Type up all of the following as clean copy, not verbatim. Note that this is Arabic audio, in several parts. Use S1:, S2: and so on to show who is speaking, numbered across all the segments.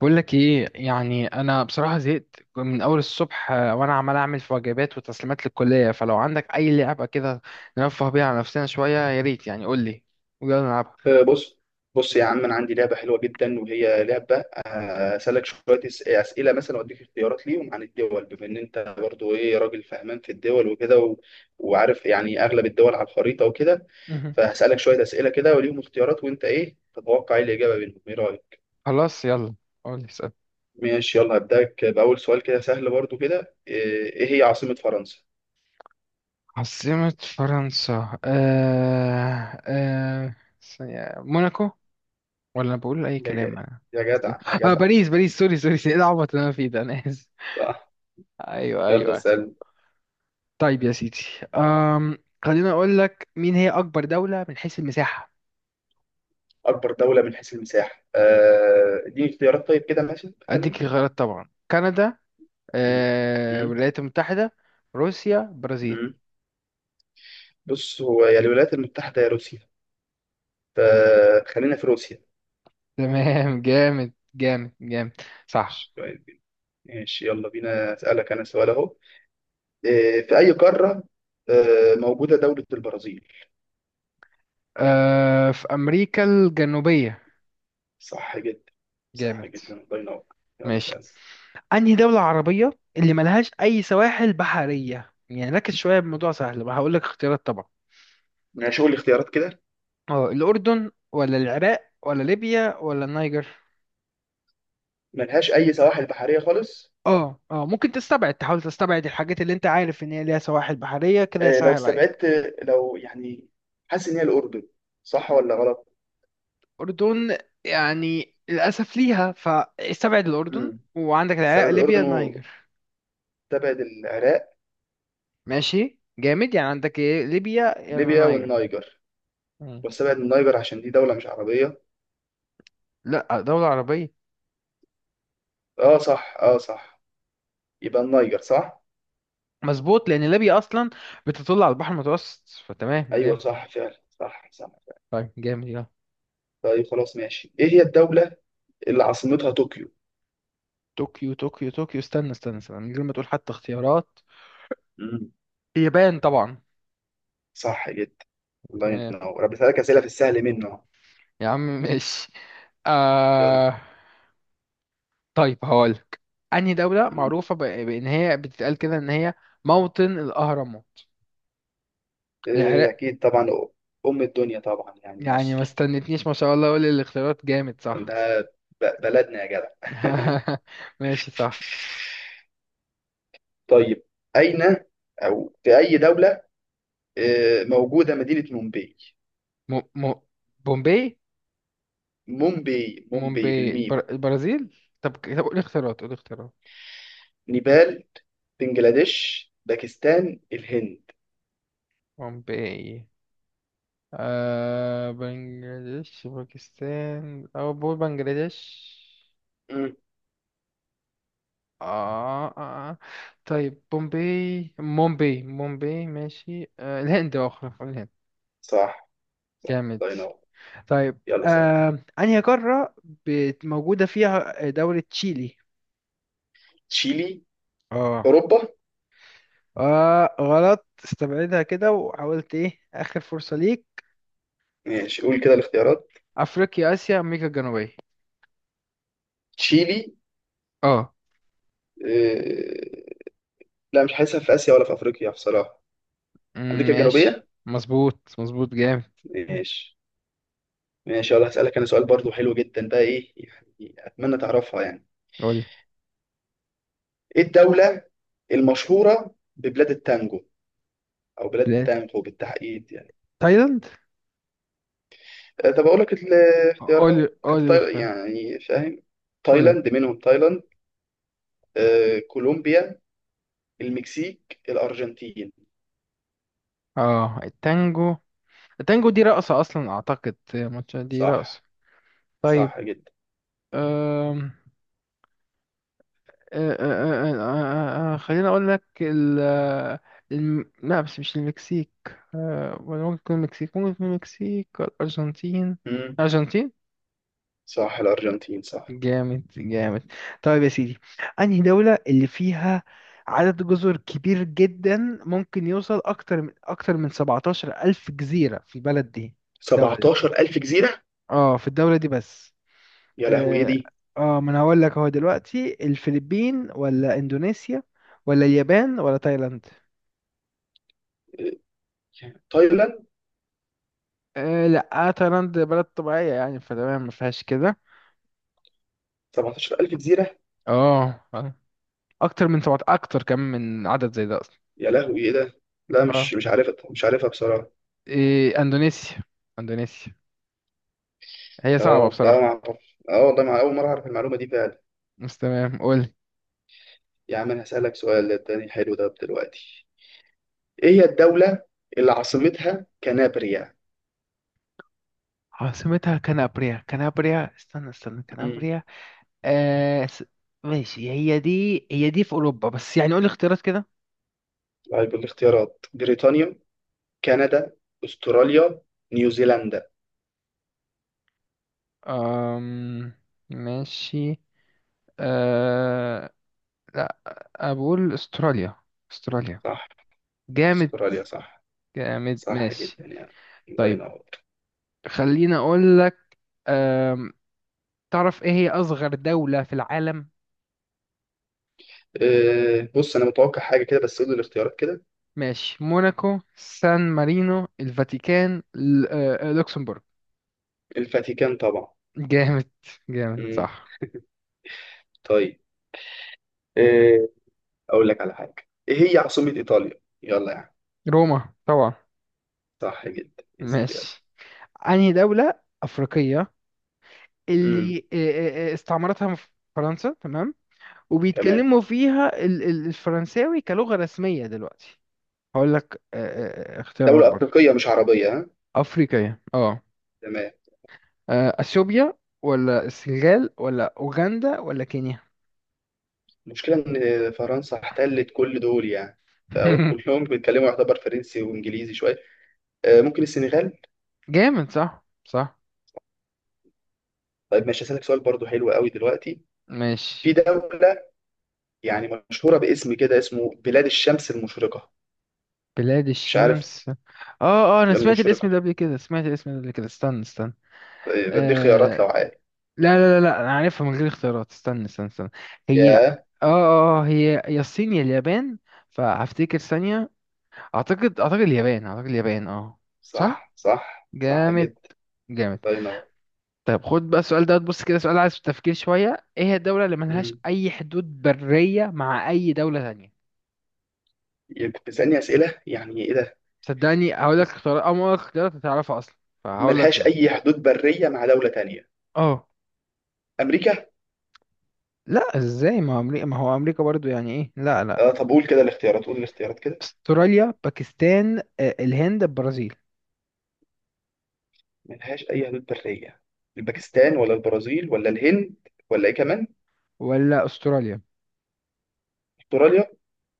S1: بقول لك ايه يعني انا بصراحه زهقت من اول الصبح وانا عمال اعمل في واجبات وتسليمات للكليه فلو عندك اي لعبه كده نرفه بيها على نفسنا شويه، يا ريت يعني قول لي ويلا نلعبها.
S2: بص بص يا عم، انا عندي لعبه حلوه جدا، وهي لعبه اسالك شويه اسئله مثلا واديك اختيارات ليهم عن الدول، بما ان انت برضو ايه راجل فهمان في الدول وكده وعارف يعني اغلب الدول على الخريطه وكده.
S1: مهم.
S2: فهسالك شويه اسئله كده وليهم اختيارات، وانت ايه تتوقع ايه الاجابه منهم؟ ايه رايك؟
S1: خلاص يلا قول لي اسال.
S2: ماشي يلا، هبداك باول سؤال كده سهل برضو كده. إيه هي عاصمه فرنسا؟
S1: عاصمه فرنسا ثانية، موناكو. ولا بقول اي
S2: يا جدع
S1: كلام انا.
S2: يا جدع يا
S1: اه
S2: جدع.
S1: باريس باريس، سوري سوري، ايه العبط اللي انا فيه ده؟ انا اسف.
S2: صح.
S1: ايوه
S2: يلا
S1: ايوه.
S2: اسال.
S1: طيب يا سيدي. أم... خليني اقول لك مين هي اكبر دوله من حيث المساحه.
S2: اكبر دوله من حيث المساحه؟ اديني اختيارات طيب كده ماشي مثلا.
S1: اديك خيارات طبعا، كندا،
S2: مم. مم.
S1: الولايات المتحدة، روسيا، برازيل.
S2: مم. بص، هو يا الولايات المتحدة يا روسيا، فخلينا في روسيا.
S1: تمام جامد جامد جامد. صح،
S2: ماشي كويس جدا. ماشي يلا بينا، أسألك أنا سؤال أهو. إيه، في أي قارة موجودة دولة البرازيل؟
S1: في امريكا الجنوبية.
S2: صح جدا. صح
S1: جامد
S2: جدا الله ينور. يلا
S1: ماشي.
S2: سأل.
S1: انهي دولة عربية اللي ملهاش اي سواحل بحرية؟ يعني ركز شوية، بموضوع سهل بقى. هقول لك اختيارات طبعا،
S2: ماشي قول لي اختيارات كده.
S1: اه الاردن ولا العراق ولا ليبيا ولا النيجر.
S2: ملهاش أي سواحل بحرية خالص؟
S1: اه ممكن تستبعد، تحاول تستبعد الحاجات اللي انت عارف ان هي ليها سواحل بحرية كده،
S2: لو
S1: يسهل عليك.
S2: استبعدت، لو يعني حاسس إن هي الأردن، صح ولا غلط؟
S1: أردن يعني للأسف ليها، فاستبعد الأردن
S2: مم.
S1: وعندك العراق،
S2: استبعد
S1: ليبيا،
S2: الأردن
S1: النيجر.
S2: وتبعد العراق.
S1: ماشي جامد، يعني عندك إيه؟ ليبيا يعني
S2: ليبيا
S1: النيجر.
S2: والنيجر.
S1: مم.
S2: واستبعد النيجر عشان دي دولة مش عربية.
S1: لا، دولة عربية.
S2: اه صح اه صح. يبقى النيجر صح.
S1: مظبوط لأن ليبيا أصلا بتطل على البحر المتوسط، فتمام
S2: ايوه
S1: جامد.
S2: صح فعلا، صح صح فعلا.
S1: طيب جامد يلا.
S2: طيب خلاص ماشي، ايه هي الدولة اللي عاصمتها طوكيو؟
S1: طوكيو طوكيو طوكيو، استنى استنى استنى من غير ما تقول حتى اختيارات.
S2: مم.
S1: اليابان طبعا.
S2: صح جدا الله
S1: تمام
S2: ينور. أنا بسألك أسئلة في السهل منه أهو.
S1: يا عم ماشي.
S2: يلا.
S1: آه... طيب هقولك، أنهي دولة
S2: مم.
S1: معروفة بإن هي بتتقال كده إن هي موطن الأهرامات؟
S2: إيه
S1: العراق؟
S2: اكيد طبعا. ام الدنيا طبعا يعني،
S1: يعني ما
S2: مصر.
S1: استنتنيش، ما شاء الله، اقول الاختيارات جامد صح.
S2: ده بلدنا يا جدع.
S1: ماشي صح.
S2: طيب أين أو في أي دولة موجودة مدينة مومباي؟
S1: م... م... بومبي،
S2: مومباي مومباي
S1: مومباي،
S2: بالميم.
S1: البرازيل. طب طب، قول اختيارات قول اختيارات.
S2: نيبال، بنجلاديش، باكستان، الهند.
S1: بومباي بنجلاديش، باكستان، او بقول بنجلاديش.
S2: مم.
S1: آه, آه, آه. طيب بومباي مومباي مومباي ماشي الهند، اخرى الهند.
S2: صح صح
S1: جامد.
S2: الله ينور.
S1: طيب
S2: يلا سهل.
S1: أنهي قارة موجودة فيها دولة تشيلي؟
S2: تشيلي؟
S1: اه
S2: أوروبا.
S1: اه غلط، استبعدها كده، وحاولت ايه آخر فرصة ليك.
S2: ماشي قول كده الاختيارات.
S1: أفريقيا، آسيا، أمريكا الجنوبية.
S2: تشيلي.
S1: اه
S2: آه... لا، مش حاسسها في آسيا ولا في أفريقيا بصراحة.
S1: أمم،
S2: أمريكا
S1: ماشي
S2: الجنوبية.
S1: مظبوط مظبوط جامد.
S2: ماشي. ماشي يلا، هسألك أنا سؤال برضو حلو جدا بقى، إيه يعني أتمنى تعرفها يعني.
S1: قولي.
S2: إيه الدولة المشهورة ببلاد التانجو، أو بلاد
S1: بلاد
S2: التانجو بالتحديد يعني؟
S1: تايلاند.
S2: طب أقول لك
S1: قولي
S2: الاختيارات حتى،
S1: قولي اختار
S2: يعني فاهم.
S1: قولي.
S2: تايلاند منهم، تايلاند، كولومبيا، المكسيك، الأرجنتين.
S1: اه التانجو التانجو دي رقصة أصلا أعتقد، ماتش دي رقصة.
S2: صح.
S1: طيب.
S2: صح جدا.
S1: أم. خليني اقول لك لا بس مش المكسيك. ولا ممكن تكون المكسيك، ممكن تكون المكسيك ولا الارجنتين.
S2: مم.
S1: الارجنتين.
S2: صح الأرجنتين صح.
S1: جامد جامد. طيب يا سيدي. انهي دولة اللي فيها عدد جزر كبير جدا، ممكن يوصل اكتر من 17 الف جزيرة في البلد دي؟ الدولة دي،
S2: 17000 جزيرة؟
S1: اه في الدولة دي بس.
S2: يا لهوي إيه
S1: اه
S2: دي.
S1: ما انا هقول لك هو دلوقتي الفلبين ولا اندونيسيا ولا اليابان ولا تايلاند.
S2: آه، تايلاند؟
S1: لا، تايلاند بلد طبيعية يعني، فتمام ما فيهاش كده.
S2: 17000 جزيرة.
S1: اه آه. اكتر من سبعة، اكتر كمان من عدد زي ده اصلا.
S2: يا لهوي إيه ده، لا مش
S1: اه
S2: مش عارف، مش عارفها بصراحة.
S1: إيه اندونيسيا، اندونيسيا؟ هي صعبة
S2: اه لا ما
S1: بصراحة،
S2: اعرف، اه والله ما اول مره اعرف المعلومه دي فعلا.
S1: بس تمام قول.
S2: يا عم انا هسالك سؤال تاني حلو ده دلوقتي. ايه هي الدوله اللي عاصمتها كنابريا؟
S1: عاصمتها كنابريا، كنابريا، استنى استنى
S2: مم.
S1: كنابريا. آه س... ماشي، هي دي هي دي في اوروبا بس، يعني قول اختيارات كده.
S2: طيب الاختيارات، بريطانيا، كندا، استراليا، نيوزيلندا.
S1: أم... ماشي. أه... لا، بقول استراليا. استراليا.
S2: صح.
S1: جامد
S2: استراليا صح.
S1: جامد
S2: صح
S1: ماشي.
S2: جدا يعني الله
S1: طيب.
S2: ينور.
S1: خليني اقول لك، أم، تعرف ايه هي اصغر دولة في العالم؟
S2: أه بص انا متوقع حاجه كده، بس قول لي الاختيارات كده.
S1: ماشي، موناكو، سان مارينو، الفاتيكان، لوكسمبورغ.
S2: الفاتيكان طبعا.
S1: جامد جامد
S2: مم.
S1: صح.
S2: طيب. أه اقول لك على حاجه، ايه هي عاصمه ايطاليا يلا يعني؟
S1: روما طبعا.
S2: صح جدا. اسال يلا.
S1: ماشي، انهي دولة افريقية
S2: مم.
S1: اللي استعمرتها فرنسا تمام،
S2: تمام.
S1: وبيتكلموا فيها الفرنساوي كلغة رسمية دلوقتي؟ هقول لك اختيارات
S2: دوله
S1: برضه.
S2: افريقيه مش عربيه ها؟
S1: افريقية اه،
S2: تمام.
S1: اثيوبيا ولا السنغال ولا اوغندا ولا كينيا.
S2: المشكله ان فرنسا احتلت كل دول يعني، فكلهم بيتكلموا يعتبر فرنسي وانجليزي شويه. ممكن السنغال.
S1: جامد صح صح
S2: طيب ماشي، هسألك سؤال برضو حلو قوي دلوقتي. في
S1: ماشي.
S2: دولة يعني مشهورة باسم كده، اسمه بلاد الشمس المشرقة.
S1: بلاد
S2: مش عارف.
S1: الشمس اه. اه انا سمعت الاسم
S2: المشرقة.
S1: ده قبل كده، سمعت الاسم ده قبل كده، استنى استنى.
S2: بديك خيارات لو
S1: آه...
S2: عارف.
S1: لا لا لا لا، انا عارفها من غير اختيارات، استنى استنى استنى. هي اه.
S2: ياه.
S1: هي يا الصين يا اليابان، فهفتكر ثانية. اعتقد، اعتقد اليابان، اعتقد اليابان اه صح.
S2: صح صح صح
S1: جامد
S2: جدا
S1: جامد.
S2: الله ينور.
S1: طيب خد بقى السؤال ده، بص كده، سؤال عايز تفكير شوية. ايه هي الدولة اللي ملهاش
S2: مم.
S1: أي حدود برية مع أي دولة تانية؟
S2: يبقى بتسألني أسئلة يعني إيه ده؟
S1: صدقني هقول لك اختيارات أو ما اختيارات هتعرفها أصلا، فهقول لك
S2: ملهاش
S1: لا.
S2: أي حدود برية مع دولة تانية؟
S1: اه
S2: أمريكا؟
S1: لا، ازاي؟ ما هو أمريكا، ما هو أمريكا برضو يعني ايه؟ لا لا.
S2: طب قول كده الاختيارات، قول الاختيارات كده.
S1: استراليا، باكستان، الهند، البرازيل.
S2: ملهاش أي حدود برية، الباكستان ولا البرازيل ولا الهند ولا إيه كمان؟
S1: ولا استراليا.
S2: أستراليا.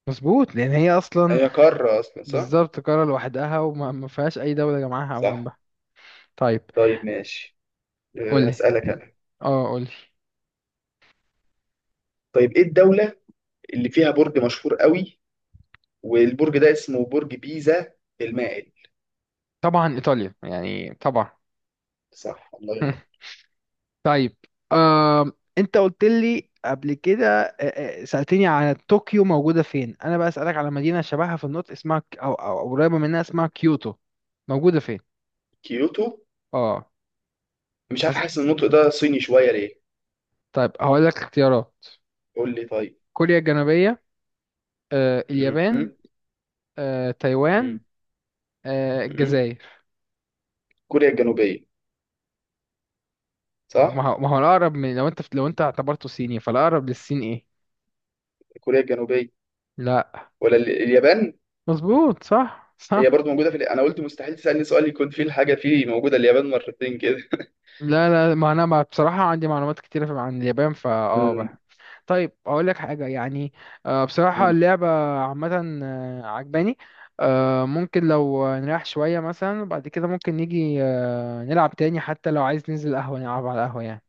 S1: مظبوط لأن هي أصلا
S2: هي قارة أصلا صح.
S1: بالظبط قارة لوحدها، وما ما فيهاش أي دولة جنبها أو
S2: صح.
S1: جنبها. طيب
S2: طيب ماشي.
S1: قولي.
S2: هسألك أنا.
S1: اه قولي.
S2: طيب إيه الدولة اللي فيها برج مشهور قوي، والبرج ده اسمه برج بيزا المائل؟
S1: طبعا إيطاليا يعني طبعا.
S2: صح الله ينور.
S1: طيب. آم، انت قلت لي قبل كده، سألتني على طوكيو موجودة فين، انا بقى أسألك على مدينة شبهها في النطق اسمها او او أو قريبة منها اسمها كيوتو، موجودة فين؟
S2: كيوتو؟
S1: اه
S2: مش عارف،
S1: أس...
S2: حاسس إن النطق ده صيني شوية ليه.
S1: طيب هقول لك اختيارات.
S2: قول لي طيب.
S1: كوريا الجنوبية،
S2: م-
S1: اليابان،
S2: م-
S1: تايوان،
S2: م- م-
S1: الجزائر.
S2: كوريا الجنوبية.
S1: طب، ما
S2: صح
S1: هو ما هو الأقرب من لو انت، اعتبرته صيني، فالأقرب للصين ايه؟
S2: كوريا الجنوبية
S1: لا،
S2: ولا اليابان؟
S1: مظبوط صح
S2: هي
S1: صح.
S2: برضو موجودة في أنا قلت مستحيل تسألني سؤال يكون فيه الحاجة فيه موجودة اليابان مرتين كده
S1: لا لا، ما انا بصراحة عندي معلومات كتيرة عن اليابان
S2: م-
S1: فاه طيب اقول لك حاجه يعني، بصراحه
S2: م.
S1: اللعبه عامه عجباني. ممكن لو نريح شويه مثلا، وبعد كده ممكن نيجي نلعب تاني. حتى لو عايز ننزل قهوه نلعب على القهوه يعني.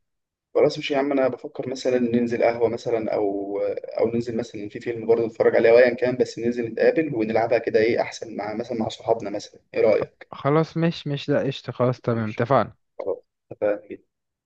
S2: خلاص مش، يا عم انا بفكر مثلا ننزل قهوه مثلا، او ننزل مثلا في فيلم برضه نتفرج عليه، او ايا كان، بس ننزل نتقابل ونلعبها كده ايه احسن، مع مثلا مع صحابنا مثلا، ايه رايك؟
S1: خلاص مش مش لا قشطه، خلاص تمام
S2: ماشي
S1: اتفقنا.
S2: خلاص اتفقنا.